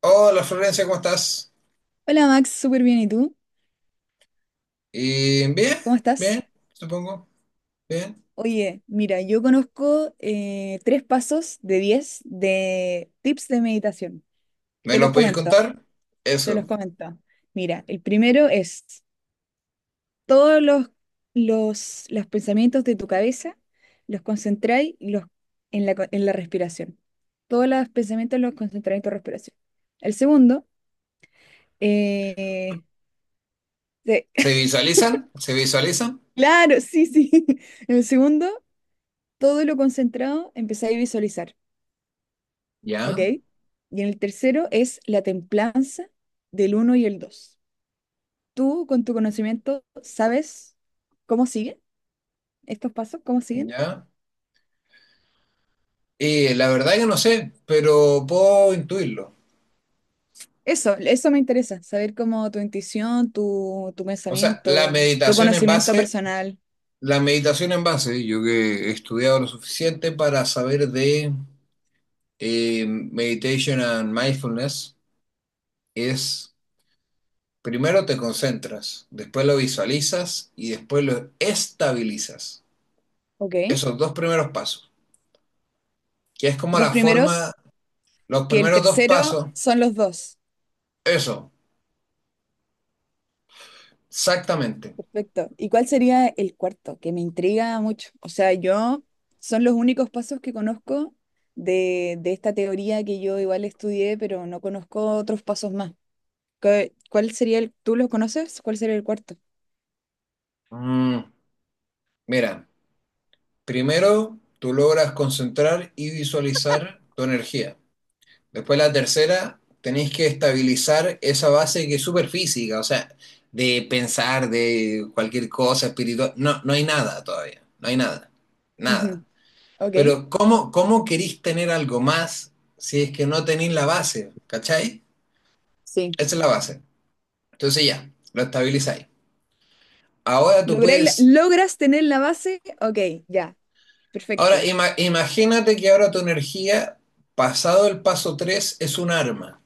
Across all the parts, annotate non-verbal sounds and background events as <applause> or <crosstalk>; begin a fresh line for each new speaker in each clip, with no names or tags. Hola Florencia, ¿cómo estás?
Hola Max, súper bien. ¿Y tú?
Y bien,
¿Cómo estás?
bien, supongo, bien.
Oye, mira, yo conozco tres pasos de diez de tips de meditación.
¿Me
Te
lo
los
podéis
comento,
contar?
te los
Eso.
comento. Mira, el primero es todos los, los pensamientos de tu cabeza los concentráis y los, en la, co- en la respiración. Todos los pensamientos los concentráis en tu respiración. El segundo, eh, de-
¿Se
<laughs>
visualizan? ¿Se visualizan?
claro, sí, sí. <laughs> El segundo, todo lo concentrado empezáis a visualizar. ¿Ok?
Ya,
Y en el tercero es la templanza del uno y el 2. Tú, con tu conocimiento, ¿sabes cómo siguen estos pasos? ¿Cómo siguen?
ya. Y la verdad que no sé, pero puedo intuirlo.
Eso me interesa, saber cómo tu intuición, tu
O sea, la
pensamiento, tu
meditación en
conocimiento
base,
personal.
la meditación en base, yo que he estudiado lo suficiente para saber de meditation and mindfulness, es primero te concentras, después lo visualizas y después lo estabilizas.
¿Ok?
Esos dos primeros pasos, que es como
Dos
la
primeros,
forma, los
que el
primeros dos
tercero
pasos,
son los dos.
eso, exactamente.
Perfecto. ¿Y cuál sería el cuarto? Que me intriga mucho. O sea, yo son los únicos pasos que conozco de esta teoría que yo igual estudié, pero no conozco otros pasos más. ¿Qué- ¿Cuál sería el, tú los conoces? ¿Cuál sería el cuarto?
Mm, Mira, primero tú logras concentrar y visualizar tu energía. Después la tercera, tenéis que estabilizar esa base que es súper física, o sea, de pensar, de cualquier cosa espiritual, no, no hay nada todavía, no hay nada, nada.
Ujú. Ok,
Pero ¿cómo queréis tener algo más si es que no tenéis la base? ¿Cachai?
sí.
Esa es la base. Entonces ya, lo estabilizáis. Ahora tú puedes,
¿Logras tener la base? Ok, ya,
ahora
perfecto.
imagínate que ahora tu energía, pasado el paso 3, es un arma.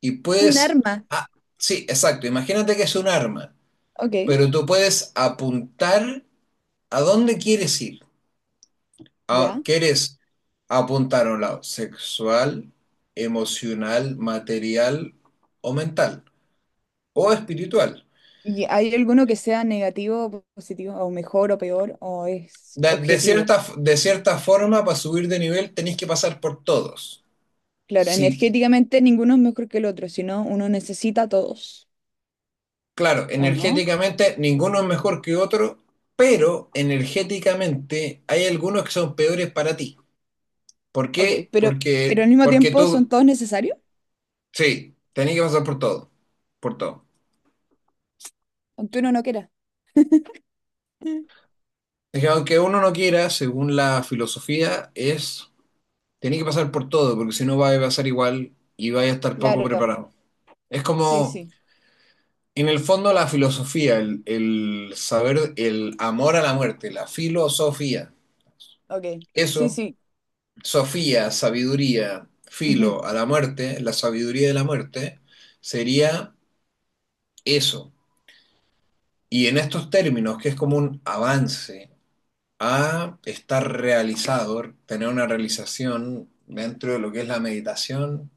Y
Un
puedes,
arma.
ah, sí, exacto, imagínate que es un arma,
Ok,
pero tú puedes apuntar a dónde quieres ir.
ya.
¿Quieres apuntar a un lado sexual, emocional, material o mental? O espiritual.
¿Y hay alguno que sea negativo, positivo, o mejor o peor, o es
De, de
objetivo?
cierta, de cierta forma, para subir de nivel, tenéis que pasar por todos.
Claro,
Si,
energéticamente ninguno es mejor que el otro, sino uno necesita a todos,
claro,
¿o no?
energéticamente ninguno es mejor que otro, pero energéticamente hay algunos que son peores para ti. ¿Por
Ok,
qué?
pero
Porque,
al mismo
porque
tiempo son
tú,
todos necesarios,
sí, tenés que pasar por todo, por todo.
aunque uno no quiera. Mm.
Es que aunque uno no quiera, según la filosofía, es, tenés que pasar por todo, porque si no va a pasar igual y vaya a estar poco
Claro,
preparado. Es
sí,
como,
sí,
en el fondo, la filosofía, el saber, el amor a la muerte, la filosofía.
ok, sí,
Eso
sí,
Sofía, sabiduría,
ujú.
filo a la muerte, la sabiduría de la muerte, sería eso. Y en estos términos, que es como un avance a estar realizado, tener una realización dentro de lo que es la meditación,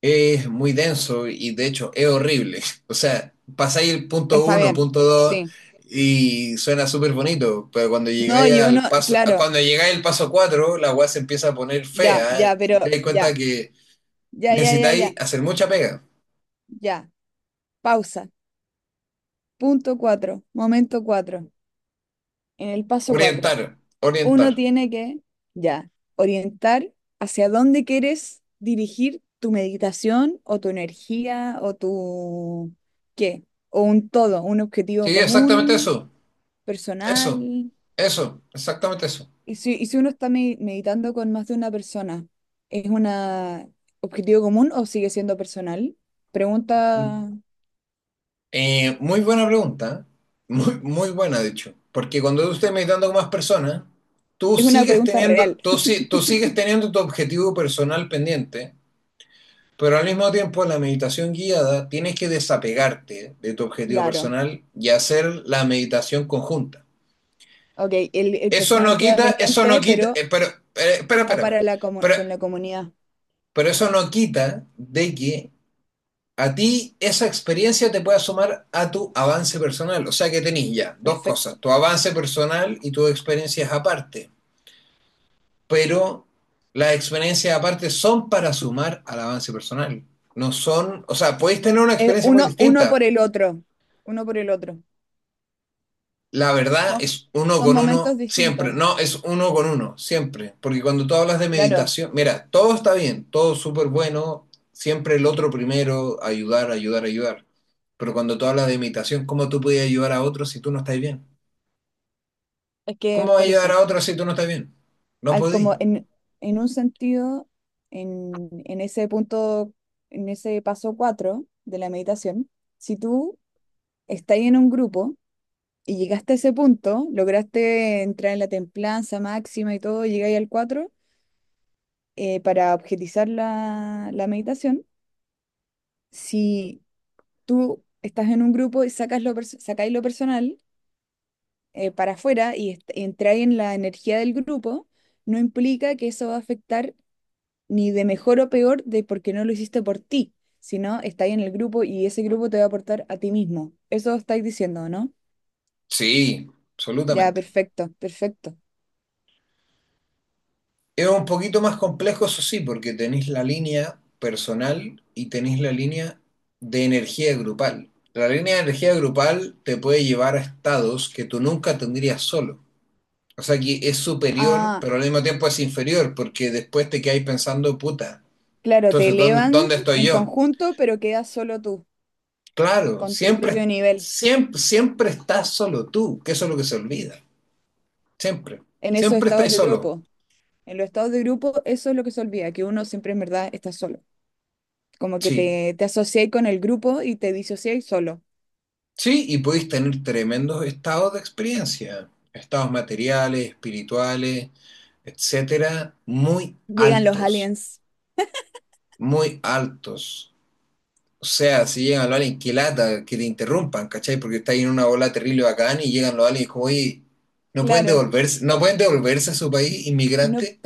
es muy denso y de hecho es horrible. <laughs> O sea, pasáis el punto
Está
uno,
bien,
punto dos
sí.
y suena súper bonito, pero cuando
No,
llegáis
y uno,
al paso,
claro,
cuando llegáis al paso cuatro, la weá se empieza a poner
ya,
fea
ya, pero
y te das cuenta
ya,
que
ya, ya, ya, ya,
necesitáis hacer mucha pega.
ya. Pausa, punto cuatro, momento cuatro, en el paso cuatro.
Orientar,
Uno
orientar.
tiene que, ya, orientar hacia dónde quieres dirigir tu meditación o tu energía o tu, ¿qué? O un todo, un
Sí,
objetivo
exactamente
común,
eso. Eso,
personal.
eso, exactamente eso.
Y si uno está meditando con más de una persona, ¿es un objetivo común o sigue siendo personal? Pregunta,
Muy buena pregunta. ¿Eh? Muy, muy buena, de hecho. Porque cuando tú estés meditando con más personas, tú
es una
sigues
pregunta
teniendo,
real,
tú, si- tú sigues teniendo tu objetivo personal pendiente, pero al mismo tiempo en la meditación guiada tienes que desapegarte de tu
<laughs>
objetivo
claro.
personal y hacer la meditación conjunta.
Ok, el
Eso no
personal queda
quita, eso no
pendiente,
quita,
pero
pero, espera,
va
espera, espera.
para la
Pero
con la comunidad.
Pero eso no quita de que a ti esa experiencia te pueda sumar a tu avance personal. O sea que tenés ya dos
Perfecto.
cosas, tu avance personal y tus experiencias aparte. Pero las experiencias aparte son para sumar al avance personal. No son, o sea, podéis tener una
Es
experiencia muy
uno, uno por
distinta.
el otro, uno por el otro.
La verdad
Son,
es uno
son
con
momentos
uno siempre.
distintos.
No, es uno con uno siempre. Porque cuando tú hablas de
Claro,
meditación, mira, todo está bien, todo súper bueno, siempre el otro primero, ayudar, ayudar, ayudar. Pero cuando tú hablas de meditación, ¿cómo tú podías ayudar a otros si tú no estás bien?
es que
¿Cómo vas a
por
ayudar
eso,
a otros si tú no estás bien? No
al como
podí.
en un sentido, en ese punto, en ese paso 4 de la meditación, si tú estás en un grupo y llegaste a ese punto, lograste entrar en la templanza máxima y todo, llegáis al 4 para objetizar la, la meditación, si tú estás en un grupo y sacas sacáis lo personal, para afuera y entrar en la energía del grupo, no implica que eso va a afectar ni de mejor o peor de porque no lo hiciste por ti, sino estáis en el grupo y ese grupo te va a aportar a ti mismo. Eso estáis diciendo, ¿no?
Sí,
Ya,
absolutamente.
perfecto, perfecto.
Es un poquito más complejo, eso sí, porque tenéis la línea personal y tenéis la línea de energía grupal. La línea de energía grupal te puede llevar a estados que tú nunca tendrías solo. O sea que es superior,
Ah,
pero al mismo tiempo es inferior, porque después te quedáis pensando, puta,
claro, te
entonces, ¿dónde,
elevan
dónde estoy
en
yo?
conjunto, pero quedas solo tú,
Claro,
con tu propio
siempre,
nivel,
siempre, siempre estás solo tú, que eso es lo que se olvida. Siempre,
en esos
siempre
estados
estás
de
solo.
grupo. En los estados de grupo, eso es lo que se olvida, que uno siempre en verdad está solo. Como que
Sí.
te asociáis con el grupo y te disociáis solo.
Sí, y podéis tener tremendos estados de experiencia, estados materiales, espirituales, etcétera, muy
Llegan los
altos,
aliens,
muy altos. O sea, si llegan los aliens, qué lata que te interrumpan, ¿cachai? Porque está ahí en una bola terrible bacán y llegan los aliens y como, oye, no pueden
claro.
devolverse, no pueden devolverse a su país
No,
inmigrante.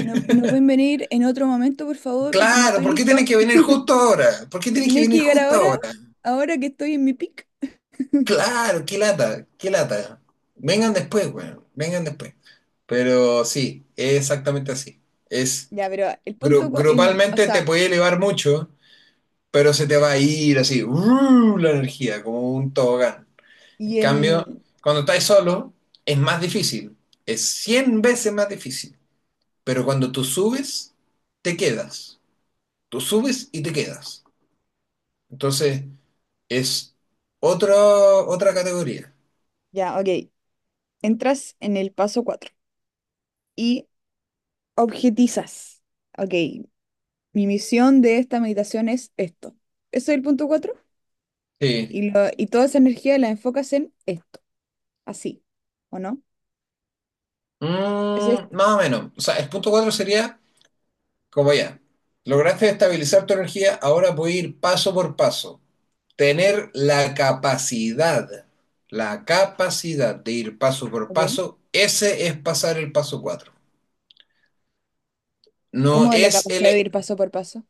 no, no pueden venir en otro momento, por favor, porque no
Claro,
estoy
¿por qué tienen
listo.
que venir justo ahora? ¿Por qué tienen que
Tenéis que
venir
llegar
justo
ahora,
ahora?
ahora que estoy en mi pic.
Claro, qué lata, qué lata. Vengan después, weón, vengan después. Pero sí, es exactamente así. Es
Ya, pero el punto, el, o
grupalmente te
sea,
puede elevar mucho, pero se te va a ir así, ¡uh! La energía, como un tobogán. En
y
cambio,
el,
cuando estás solo, es más difícil. Es 100 veces más difícil. Pero cuando tú subes, te quedas. Tú subes y te quedas. Entonces, es otra categoría.
ya, ok. Entras en el paso 4 y objetizas. Ok, mi misión de esta meditación es esto. Eso es el punto cuatro.
Sí.
Y, y toda esa energía la enfocas en esto, así, ¿o no? Es esto,
Más o menos. O sea, el punto 4 sería como ya. Lograste estabilizar tu energía, ahora puedes ir paso por paso. Tener la capacidad de ir paso por
ok.
paso, ese es pasar el paso cuatro. No
Como de la
es el.
capacidad de ir paso por paso,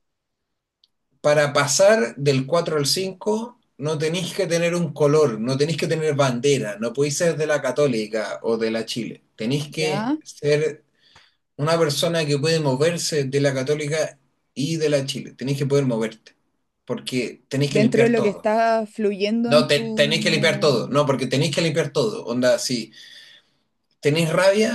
Para pasar del 4 al 5 no tenéis que tener un color, no tenéis que tener bandera, no podéis ser de la Católica o de la Chile. Tenéis que
¿ya?
ser una persona que puede moverse de la Católica y de la Chile. Tenéis que poder moverte. Porque tenéis que
Dentro de
limpiar
lo que
todo.
está fluyendo
No,
en
tenéis que limpiar todo.
tu,
No, porque tenéis que limpiar todo. Onda, si tenéis rabia,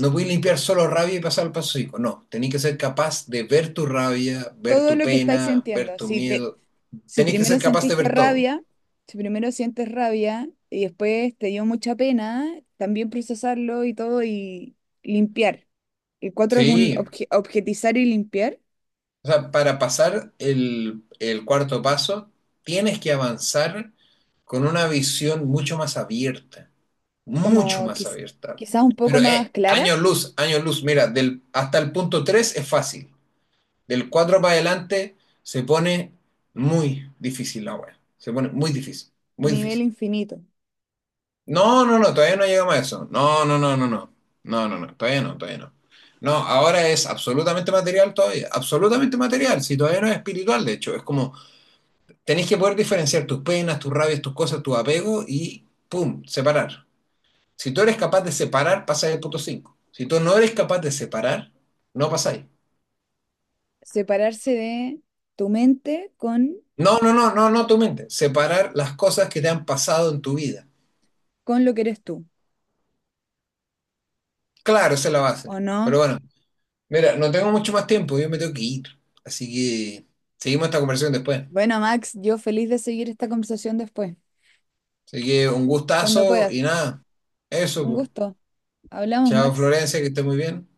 no podéis limpiar solo rabia y pasar al paso cinco. No, tenéis que ser capaz de ver tu rabia, ver
todo
tu
lo que estáis
pena, ver
sintiendo.
tu miedo.
Si
Tenéis que ser
primero
capaz de
sentiste
ver todo.
rabia, si primero sientes rabia y después te dio mucha pena, también procesarlo y todo y limpiar. El cuatro es un
Sí.
objetizar y limpiar,
O sea, para pasar el cuarto paso, tienes que avanzar con una visión mucho más abierta. Mucho
como
más
quizás
abierta.
quizás un poco
Pero
más clara,
años luz, mira, hasta el punto 3 es fácil. Del 4 para adelante se pone muy difícil la web. Se pone muy difícil, muy
nivel
difícil.
infinito.
No, no, no, todavía no llegamos a eso. No, no, no, no, no. No, no, no, todavía no, todavía no. No, ahora es absolutamente material todavía, absolutamente material, si todavía no es espiritual, de hecho, es como tenés que poder diferenciar tus penas, tus rabias, tus cosas, tu apego y, ¡pum!, separar. Si tú eres capaz de separar, pasáis el punto cinco. Si tú no eres capaz de separar, no pasáis.
Separarse de tu mente con,
No, no, no, no, no tu mente. Separar las cosas que te han pasado en tu vida.
con lo que eres tú,
Claro, esa es la base.
¿o
Pero
no?
bueno, mira, no tengo mucho más tiempo, yo me tengo que ir. Así que seguimos esta conversación después.
Bueno, Max, yo feliz de seguir esta conversación después.
Así que un
Cuando
gustazo y
puedas.
nada. Eso,
Un
pues.
gusto. Hablamos,
Chao
Max.
Florencia, que esté muy bien.